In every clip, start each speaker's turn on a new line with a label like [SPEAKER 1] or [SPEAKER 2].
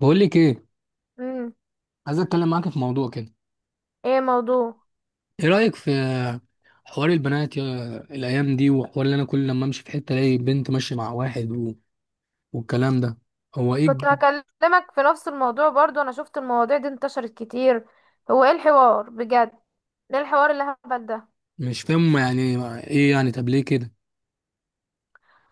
[SPEAKER 1] بقول لك ايه؟
[SPEAKER 2] امم
[SPEAKER 1] عايز اتكلم معاك في موضوع كده.
[SPEAKER 2] ايه موضوع؟
[SPEAKER 1] ايه رايك في حوار البنات يا الايام دي، وحوار اللي انا كل لما امشي في حته الاقي بنت ماشيه مع واحد والكلام ده؟ هو ايه
[SPEAKER 2] كنت هكلمك في نفس الموضوع برضو، انا شفت المواضيع دي انتشرت كتير. هو ايه الحوار بجد؟ ايه الحوار اللي هبل ده؟
[SPEAKER 1] مش فاهم يعني. ايه يعني؟ طب ليه كده؟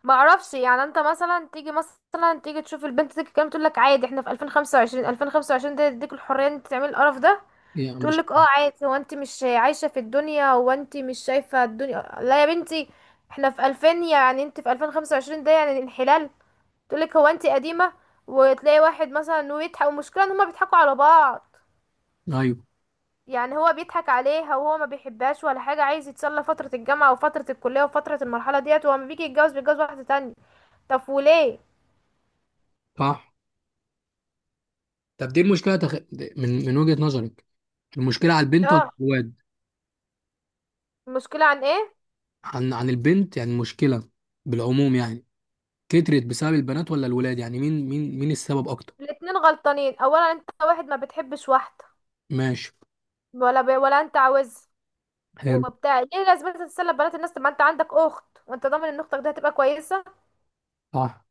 [SPEAKER 2] ما اعرفش، يعني انت مثلا تيجي تشوف البنت دي تتكلم، تقول لك عادي احنا في 2025، 2025 ده يديك الحريه ان انت تعمل القرف ده.
[SPEAKER 1] إيه يعني؟
[SPEAKER 2] تقول
[SPEAKER 1] مش
[SPEAKER 2] لك اه عادي، هو انت مش عايشه في الدنيا؟ هو انت مش شايفه الدنيا؟ لا يا بنتي، احنا في 2000؟ يعني انت في 2025 ده يعني انحلال. تقولك هو انتي قديمة. وتلاقي واحد مثلا ويضحك، والمشكلة ان هما بيضحكوا على بعض.
[SPEAKER 1] ايوه،
[SPEAKER 2] يعني هو بيضحك عليها وهو ما بيحبهاش ولا حاجة، عايز يتسلى فترة الجامعة وفترة الكلية وفترة المرحلة ديت، وهو لما بيجي يتجوز بيتجوز واحدة تانية. طب وليه؟
[SPEAKER 1] صح. طب دي من وجهه نظرك، المشكله على البنت ولا
[SPEAKER 2] اه.
[SPEAKER 1] الواد؟
[SPEAKER 2] المشكلة عن ايه؟
[SPEAKER 1] عن البنت يعني، المشكله بالعموم يعني، كترت بسبب البنات ولا الولاد؟ يعني مين السبب اكتر؟
[SPEAKER 2] الاتنين غلطانين. اولا انت واحد ما بتحبش واحدة
[SPEAKER 1] ماشي.
[SPEAKER 2] ولا بي ولا انت عاوز
[SPEAKER 1] حلو.
[SPEAKER 2] وبتاع، ليه لازم انت تتسلى ببنات الناس؟ طب ما انت عندك اخت، وانت ضامن ان اختك دي هتبقى كويسة؟
[SPEAKER 1] صح،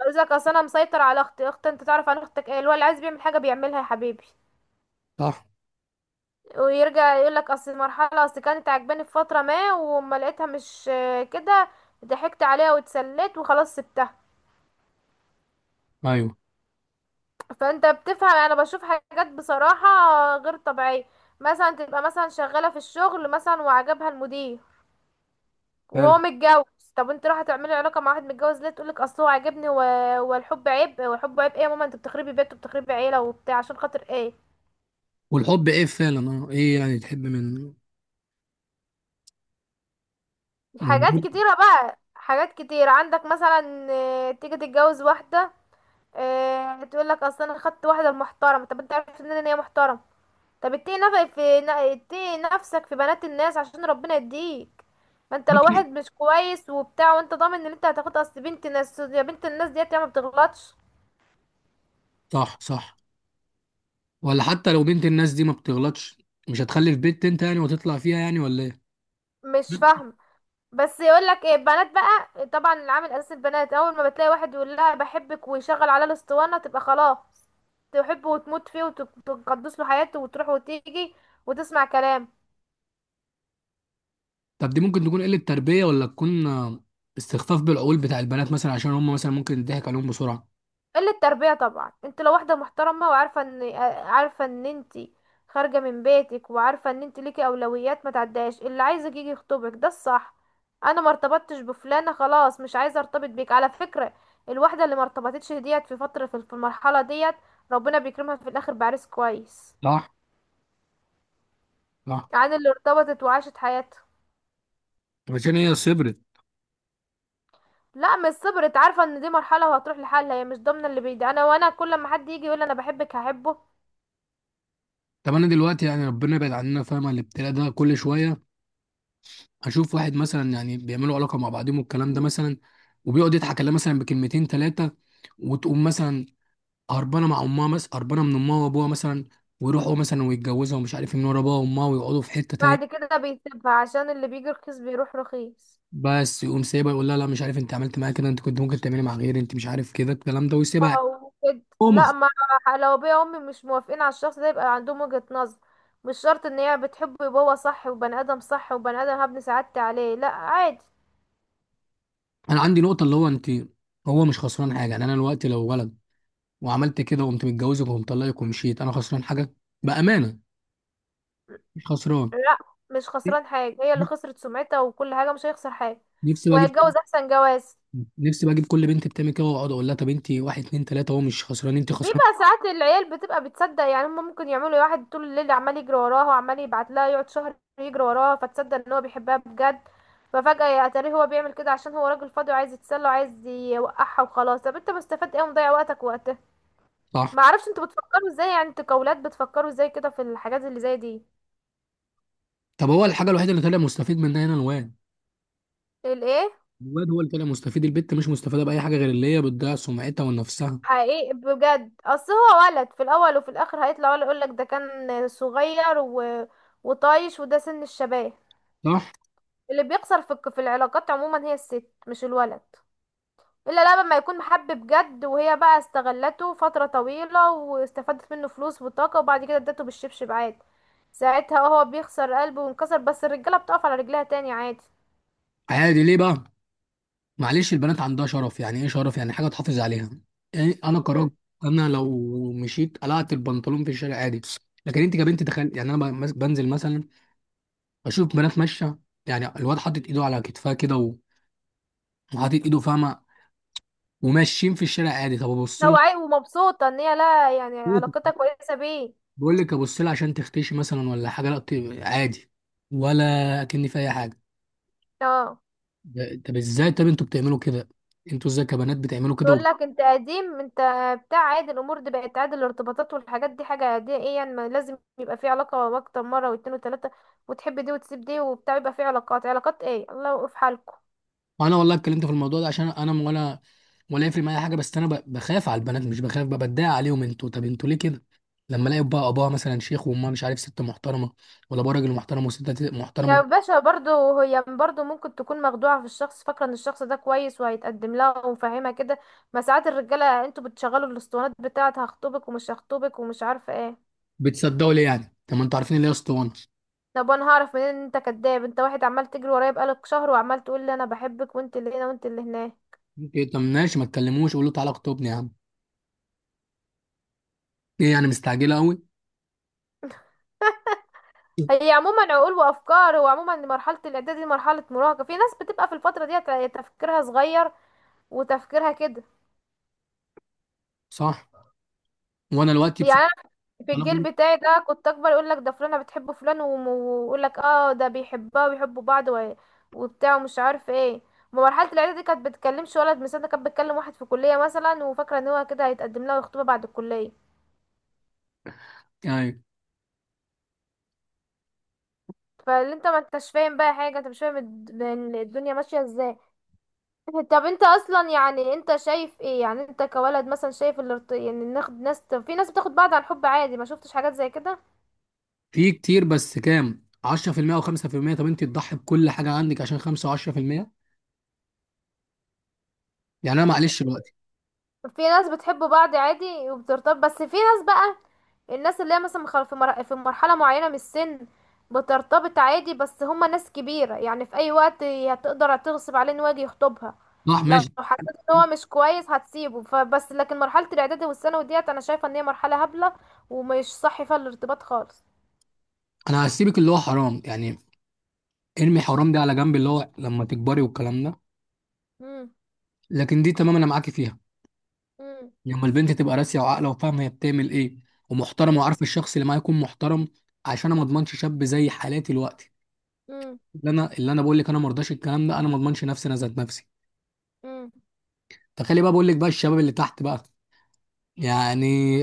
[SPEAKER 2] قال لك اصل انا مسيطر على اختي. اخت؟ انت تعرف عن اختك ايه؟ اللي هو اللي عايز بيعمل حاجة بيعملها يا حبيبي.
[SPEAKER 1] صح.
[SPEAKER 2] ويرجع يقولك اصل المرحله، اصل كانت عجباني في فتره ما وما لقيتها، مش كده. ضحكت عليها واتسليت وخلاص سبتها.
[SPEAKER 1] ايوه.
[SPEAKER 2] فانت بتفهم، انا بشوف حاجات بصراحه غير طبيعيه. مثلا تبقى مثلا شغاله في الشغل مثلا وعجبها المدير وهو
[SPEAKER 1] حلو.
[SPEAKER 2] متجوز. طب انت رايحه تعملي علاقه مع واحد متجوز ليه؟ تقولك اصل هو عاجبني والحب عيب. والحب عيب ايه يا ماما؟ انت بتخربي بيت وبتخربي عيله وبتاع عشان خاطر ايه؟
[SPEAKER 1] والحب ايه فعلا؟ اه ايه يعني تحب من
[SPEAKER 2] حاجات
[SPEAKER 1] من-
[SPEAKER 2] كتيره بقى، حاجات كتير عندك. مثلا تيجي تتجوز واحده، آه تقول لك اصل انا خدت واحده محترمه. طب انت عرفت منين ان هي محترمه؟ طب اتقي اتقي نفسك في بنات الناس عشان ربنا يديك. ما انت لو واحد
[SPEAKER 1] بطني؟
[SPEAKER 2] مش كويس وبتاع، وانت ضامن ان انت هتاخد اصل بنت ناس؟ يا بنت الناس ديت يا ما بتغلطش.
[SPEAKER 1] صح، صح. ولا حتى لو بنت الناس دي ما بتغلطش، مش هتخلف بنت انت يعني وتطلع فيها يعني ولا ايه؟
[SPEAKER 2] مش فاهم، بس يقول لك ايه البنات؟ بقى طبعا العامل الاساسي البنات، اول ما بتلاقي واحد يقول لها بحبك ويشغل على الاسطوانه تبقى خلاص، تحبه وتموت فيه وتقدس له حياته وتروح وتيجي وتسمع كلامه.
[SPEAKER 1] طب دي ممكن تكون قلة تربية ولا تكون استخفاف بالعقول بتاع البنات مثلا، عشان هم مثلا ممكن يضحك عليهم بسرعة؟
[SPEAKER 2] قلة تربية طبعا. انت لو واحدة محترمة وعارفة ان عارفة ان انت خارجة من بيتك وعارفة ان انت ليكي اولويات، ما تعداش. اللي عايزك يجي يخطبك ده الصح. انا ما ارتبطتش بفلانة، خلاص مش عايزة ارتبط بيك على فكرة. الواحدة اللي ما ارتبطتش ديت في فترة، في المرحلة ديت، ربنا بيكرمها في الاخر بعريس كويس،
[SPEAKER 1] صح، صح.
[SPEAKER 2] عن اللي ارتبطت وعاشت حياتها.
[SPEAKER 1] عشان هي صبرت.
[SPEAKER 2] لا مش صبرت، عارفة ان دي مرحلة وهتروح لحالها. هي مش ضامنة اللي بيدي انا، وانا كل ما حد يجي يقول انا بحبك هحبه؟
[SPEAKER 1] طب انا دلوقتي يعني ربنا يبعد عننا، فاهمة الابتلاء ده كل شوية هشوف واحد مثلا يعني بيعملوا علاقة مع بعضهم والكلام ده مثلا، وبيقعد يضحك عليها مثلا بكلمتين ثلاثة، وتقوم مثلا هربانه مع امها، مثلا هربانه من امها وابوها مثلا، ويروحوا مثلا ويتجوزوا ومش عارف إيه من ورا ابوها وامها، ويقعدوا في حته
[SPEAKER 2] بعد
[SPEAKER 1] تانية.
[SPEAKER 2] كده بيسيبها، عشان اللي بيجي رخيص بيروح رخيص.
[SPEAKER 1] بس يقوم سايبها يقول لها لا مش عارف انت عملت معايا كده، انت كنت ممكن تعملي مع غيري، انت مش عارف كده، الكلام ده، ويسيبها.
[SPEAKER 2] او كده
[SPEAKER 1] هو مخ...
[SPEAKER 2] لا ما. لو بيا امي مش موافقين على الشخص ده، يبقى عندهم وجهة نظر. مش شرط ان هي بتحبه يبقى هو صح، وبني ادم صح وبني ادم هبني سعادتي عليه، لا عادي.
[SPEAKER 1] انا عندي نقطه اللي هو انت. هو مش خسران حاجه يعني، انا دلوقتي لو ولد وعملت كده وقمت متجوزك وقمت طلقك ومشيت، انا خسران حاجه؟ بامانه، مش خسران.
[SPEAKER 2] لا مش خسران حاجة، هي اللي خسرت سمعتها وكل حاجة، مش هيخسر حاجة
[SPEAKER 1] نفسي بقى اجيب،
[SPEAKER 2] وهيتجوز احسن جواز.
[SPEAKER 1] نفسي بقى اجيب كل بنت بتعمل كده واقعد اقول لها، طب انت واحد اتنين تلاته، هو مش خسران، انت خسران.
[SPEAKER 2] بيبقى ساعات العيال بتبقى بتصدق، يعني هم ممكن يعملوا واحد طول الليل عمال يجري وراها وعمال يبعت لها، يقعد شهر يجري وراها فتتصدق ان هو بيحبها بجد. ففجأة يا ترى هو بيعمل كده عشان هو راجل فاضي وعايز يتسلى وعايز يوقعها وخلاص. طب انت مستفاد ايه؟ ومضيع وقتك وقتها.
[SPEAKER 1] صح.
[SPEAKER 2] ما اعرفش انتوا بتفكروا ازاي، يعني انتوا كاولاد بتفكروا ازاي كده في الحاجات اللي زي دي؟
[SPEAKER 1] طب هو الحاجه الوحيده اللي طلع مستفيد منها هنا الواد.
[SPEAKER 2] الايه؟
[SPEAKER 1] الواد هو اللي طالع مستفيد، البت مش مستفاده باي حاجه غير اللي هي بتضيع سمعتها ونفسها.
[SPEAKER 2] حقيقي بجد. اصل هو ولد في الاول وفي الاخر، هيطلع ولا يقولك ده كان صغير وطايش وده سن الشباب.
[SPEAKER 1] صح.
[SPEAKER 2] اللي بيخسر في العلاقات عموما هي الست مش الولد. الا لما ما يكون محب بجد وهي بقى استغلته فترة طويلة واستفادت منه فلوس وطاقة وبعد كده ادته بالشبشب عادي. ساعتها هو بيخسر قلبه وانكسر، بس الرجالة بتقف على رجلها تاني عادي.
[SPEAKER 1] عادي ليه بقى؟ معلش البنات عندها شرف، يعني ايه شرف؟ يعني حاجه تحافظ عليها. يعني انا كراجل،
[SPEAKER 2] مم.
[SPEAKER 1] انا لو مشيت قلعت البنطلون في الشارع عادي، لكن انت كبنت تخيل. يعني انا بنزل مثلا، بشوف بنات ماشيه، يعني الواد حاطط ايده على كتفها كده وحاطط ايده فاهمه، وماشيين في الشارع عادي، طب ابص
[SPEAKER 2] لو
[SPEAKER 1] لها؟
[SPEAKER 2] عاي ومبسوطة ان هي، لا يعني علاقتها كويسة بيه.
[SPEAKER 1] بقول لك ابص لها عشان تختشي مثلا ولا حاجه، لا طيب، عادي، ولا كأني في اي حاجه.
[SPEAKER 2] اه.
[SPEAKER 1] طب ازاي؟ طب انتوا بتعملوا كده؟ انتوا ازاي كبنات بتعملوا كده
[SPEAKER 2] تقول لك انت قديم، انت بتاع. عادي الامور دي، بقت عادي الارتباطات والحاجات دي، حاجه عاديه. ايه يعني ما لازم يبقى في علاقه اكتر، مره واتنين وتلاته وتحب دي وتسيب دي وبتاع، يبقى في علاقات علاقات؟ ايه، الله يوقف حالكم.
[SPEAKER 1] وانا والله اتكلمت في الموضوع ده عشان انا ولا، ولا يفرق معايا حاجه، بس انا بخاف على البنات، مش بخاف بقى، بتضايق عليهم. انتوا طب انتوا ليه كده؟ لما الاقي بقى اباها مثلا شيخ وامها مش عارف ست محترمه، ولا ابوها راجل محترم وست
[SPEAKER 2] يا
[SPEAKER 1] محترمه.
[SPEAKER 2] باشا برضو هي برضو ممكن تكون مخدوعه في الشخص، فاكره ان الشخص ده كويس وهيتقدم لها ومفهمها كده. ما ساعات الرجاله انتوا بتشغلوا الاسطوانات بتاعت هخطبك ومش هخطبك ومش عارفه ايه.
[SPEAKER 1] بتصدقوا ليه يعني؟ طب ما انتوا عارفين اللي هي اسطوانه.
[SPEAKER 2] طب انا هعرف منين ان انت كداب؟ انت واحد عمال تجري ورايا بقالك شهر، وعمال تقول لي انا بحبك وانت اللي هنا وانت اللي هناك.
[SPEAKER 1] إيه؟ طب ماشي، ما تكلموش، قولوا تعالى اخطبني يا عم، ايه يعني مستعجله قوي؟
[SPEAKER 2] هي عموما عقول وافكار، وعموما مرحله الاعداد دي مرحله مراهقه. في ناس بتبقى في الفتره دي تفكيرها صغير وتفكيرها كده.
[SPEAKER 1] صح. وانا دلوقتي
[SPEAKER 2] يعني
[SPEAKER 1] بصراحه،
[SPEAKER 2] انا في
[SPEAKER 1] انا بقول
[SPEAKER 2] الجيل
[SPEAKER 1] لك
[SPEAKER 2] بتاعي ده كنت اكبر، يقول لك ده فلانه بتحب فلان ويقول لك اه ده بيحبها وبيحبوا بعض وبتاع ومش عارف ايه. ما مرحله الاعداد دي كانت بتكلمش ولد مثلا، ده كانت بتكلم واحد في كليه مثلا، وفاكره ان هو كده هيتقدم لها ويخطبها بعد الكليه.
[SPEAKER 1] أيوه.
[SPEAKER 2] فاللي انت ما انتش فاهم بقى حاجه، انت مش فاهم الدنيا ماشيه ازاي. طب انت اصلا، يعني انت شايف ايه؟ يعني انت كولد مثلا شايف اللي يعني ناخد ناس، طب في ناس بتاخد بعض عن حب عادي، ما شفتش حاجات زي كده؟
[SPEAKER 1] في كتير بس كام 10% او 5%؟ طب انت تضحي بكل حاجه عندك عشان 5 و10%؟ يعني انا معلش دلوقتي.
[SPEAKER 2] في ناس بتحب بعض عادي وبترتبط، بس في ناس بقى، الناس اللي هي مثلا في مرحلة معينة من السن بترتبط عادي، بس هما ناس كبيرة. يعني في اي وقت هتقدر تغصب عليه ان هو يجي يخطبها.
[SPEAKER 1] صح،
[SPEAKER 2] لو
[SPEAKER 1] ماشي.
[SPEAKER 2] حسيت ان هو مش كويس هتسيبه فبس. لكن مرحلة الاعدادي والثانوي ديت انا شايفة ان هي مرحلة هبلة، ومش صح فيها الارتباط خالص.
[SPEAKER 1] انا هسيبك اللي هو حرام يعني، ارمي حرام ده على جنب اللي هو لما تكبري والكلام ده،
[SPEAKER 2] مم.
[SPEAKER 1] لكن دي تمام انا معاكي فيها. لما البنت تبقى راسيه وعاقله وفاهمه هي بتعمل ايه، ومحترمه
[SPEAKER 2] مم.
[SPEAKER 1] وعارفه الشخص اللي معاها يكون محترم. عشان انا ما اضمنش شاب زي حالاتي دلوقتي،
[SPEAKER 2] مم،
[SPEAKER 1] اللي انا اللي انا بقول لك انا ما ارضاش الكلام ده، انا ما اضمنش نفسي، انا ذات نفسي.
[SPEAKER 2] مم،
[SPEAKER 1] تخيلي بقى بقول لك بقى الشباب اللي تحت بقى، يعني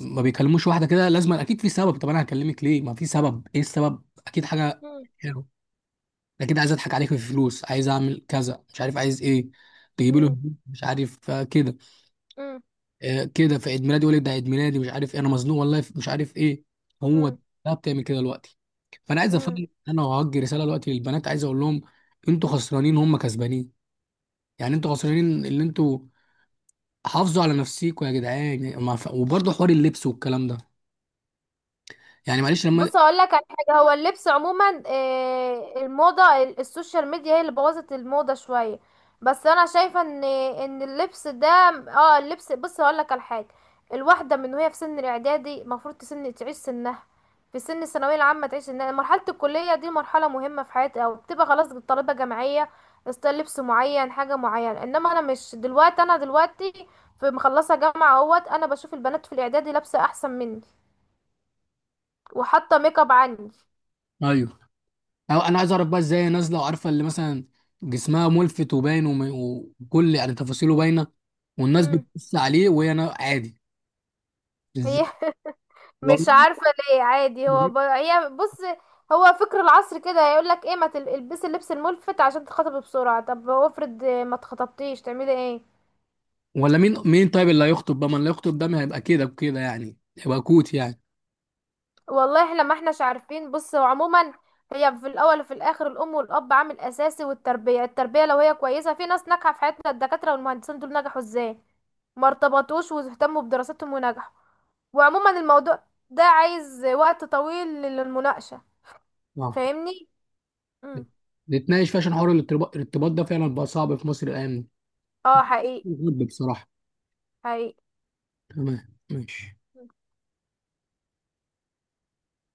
[SPEAKER 1] ما بيكلموش واحده كده، لازم اكيد في سبب. طب انا هكلمك ليه؟ ما في سبب، ايه السبب؟ اكيد حاجه.
[SPEAKER 2] مم،
[SPEAKER 1] حلو. اكيد عايز اضحك عليك في الفلوس، عايز اعمل كذا مش عارف عايز ايه. تجيب له
[SPEAKER 2] مم،
[SPEAKER 1] هدوم، مش عارف كده. كده في عيد ميلادي يقول لك ده عيد ميلادي مش عارف ايه، انا مزنوق والله، مش عارف ايه. هو
[SPEAKER 2] مم،
[SPEAKER 1] ده بتعمل كده دلوقتي. فانا عايز
[SPEAKER 2] مم،
[SPEAKER 1] افهم، انا وهوجه رساله دلوقتي للبنات، عايز اقول لهم انتوا خسرانين، هم كسبانين، يعني انتوا خسرانين اللي انتوا. حافظوا على نفسيكوا يا جدعان. ما ف- وبرضه حوار اللبس والكلام ده، يعني معلش لما
[SPEAKER 2] بص اقول لك على حاجه. هو اللبس عموما الموضه، السوشيال ميديا هي اللي بوظت الموضه شويه. بس انا شايفه ان اللبس ده، اه اللبس بص هقول لك على حاجه. الواحده من وهي في سن الاعدادي المفروض تسن تعيش سنها، في سن الثانويه العامه تعيش سنها، مرحله الكليه دي مرحله مهمه في حياتي او بتبقى خلاص طالبه جامعيه استايل لبس معين حاجه معينه. انما انا مش دلوقتي، انا دلوقتي في مخلصه جامعه اهوت، انا بشوف البنات في الاعدادي لابسه احسن مني وحاطه ميك اب عني.
[SPEAKER 1] ايوه. أو انا عايز اعرف بقى ازاي هي نازله وعارفه اللي مثلا جسمها ملفت وباين وكل يعني تفاصيله باينه، والناس
[SPEAKER 2] مم.
[SPEAKER 1] بتبص عليه وهي عادي.
[SPEAKER 2] هي
[SPEAKER 1] ازاي؟
[SPEAKER 2] مش
[SPEAKER 1] والله.
[SPEAKER 2] عارفة. ليه عادي؟ هو ب... هي بص، هو فكر العصر كده. هيقول لك ايه؟ ما البسي اللبس الملفت عشان تتخطبي بسرعة. طب وافرض ما اتخطبتيش تعملي ايه؟
[SPEAKER 1] ولا مين، مين طيب اللي هيخطب بقى؟ ما اللي هيخطب ده ما هيبقى كده بكده يعني، هيبقى كوت يعني.
[SPEAKER 2] والله احنا ما احناش عارفين. بص هو عموما، هي في الاول وفي الاخر الام والاب عامل اساسي، والتربية. التربية لو هي كويسة، في ناس ناجحة في حياتنا الدكاترة والمهندسين دول نجحوا ازاي؟ ما ارتبطوش واهتموا بدراستهم ونجحوا. وعموما الموضوع ده عايز وقت طويل للمناقشة.
[SPEAKER 1] آه.
[SPEAKER 2] فاهمني؟ مم.
[SPEAKER 1] نتناقش فيه عشان حوار الارتباط، الارتباط ده فعلا بقى صعب في مصر الايام دي،
[SPEAKER 2] اه حقيقي.
[SPEAKER 1] بجد بصراحه.
[SPEAKER 2] حقيقي.
[SPEAKER 1] تمام ماشي.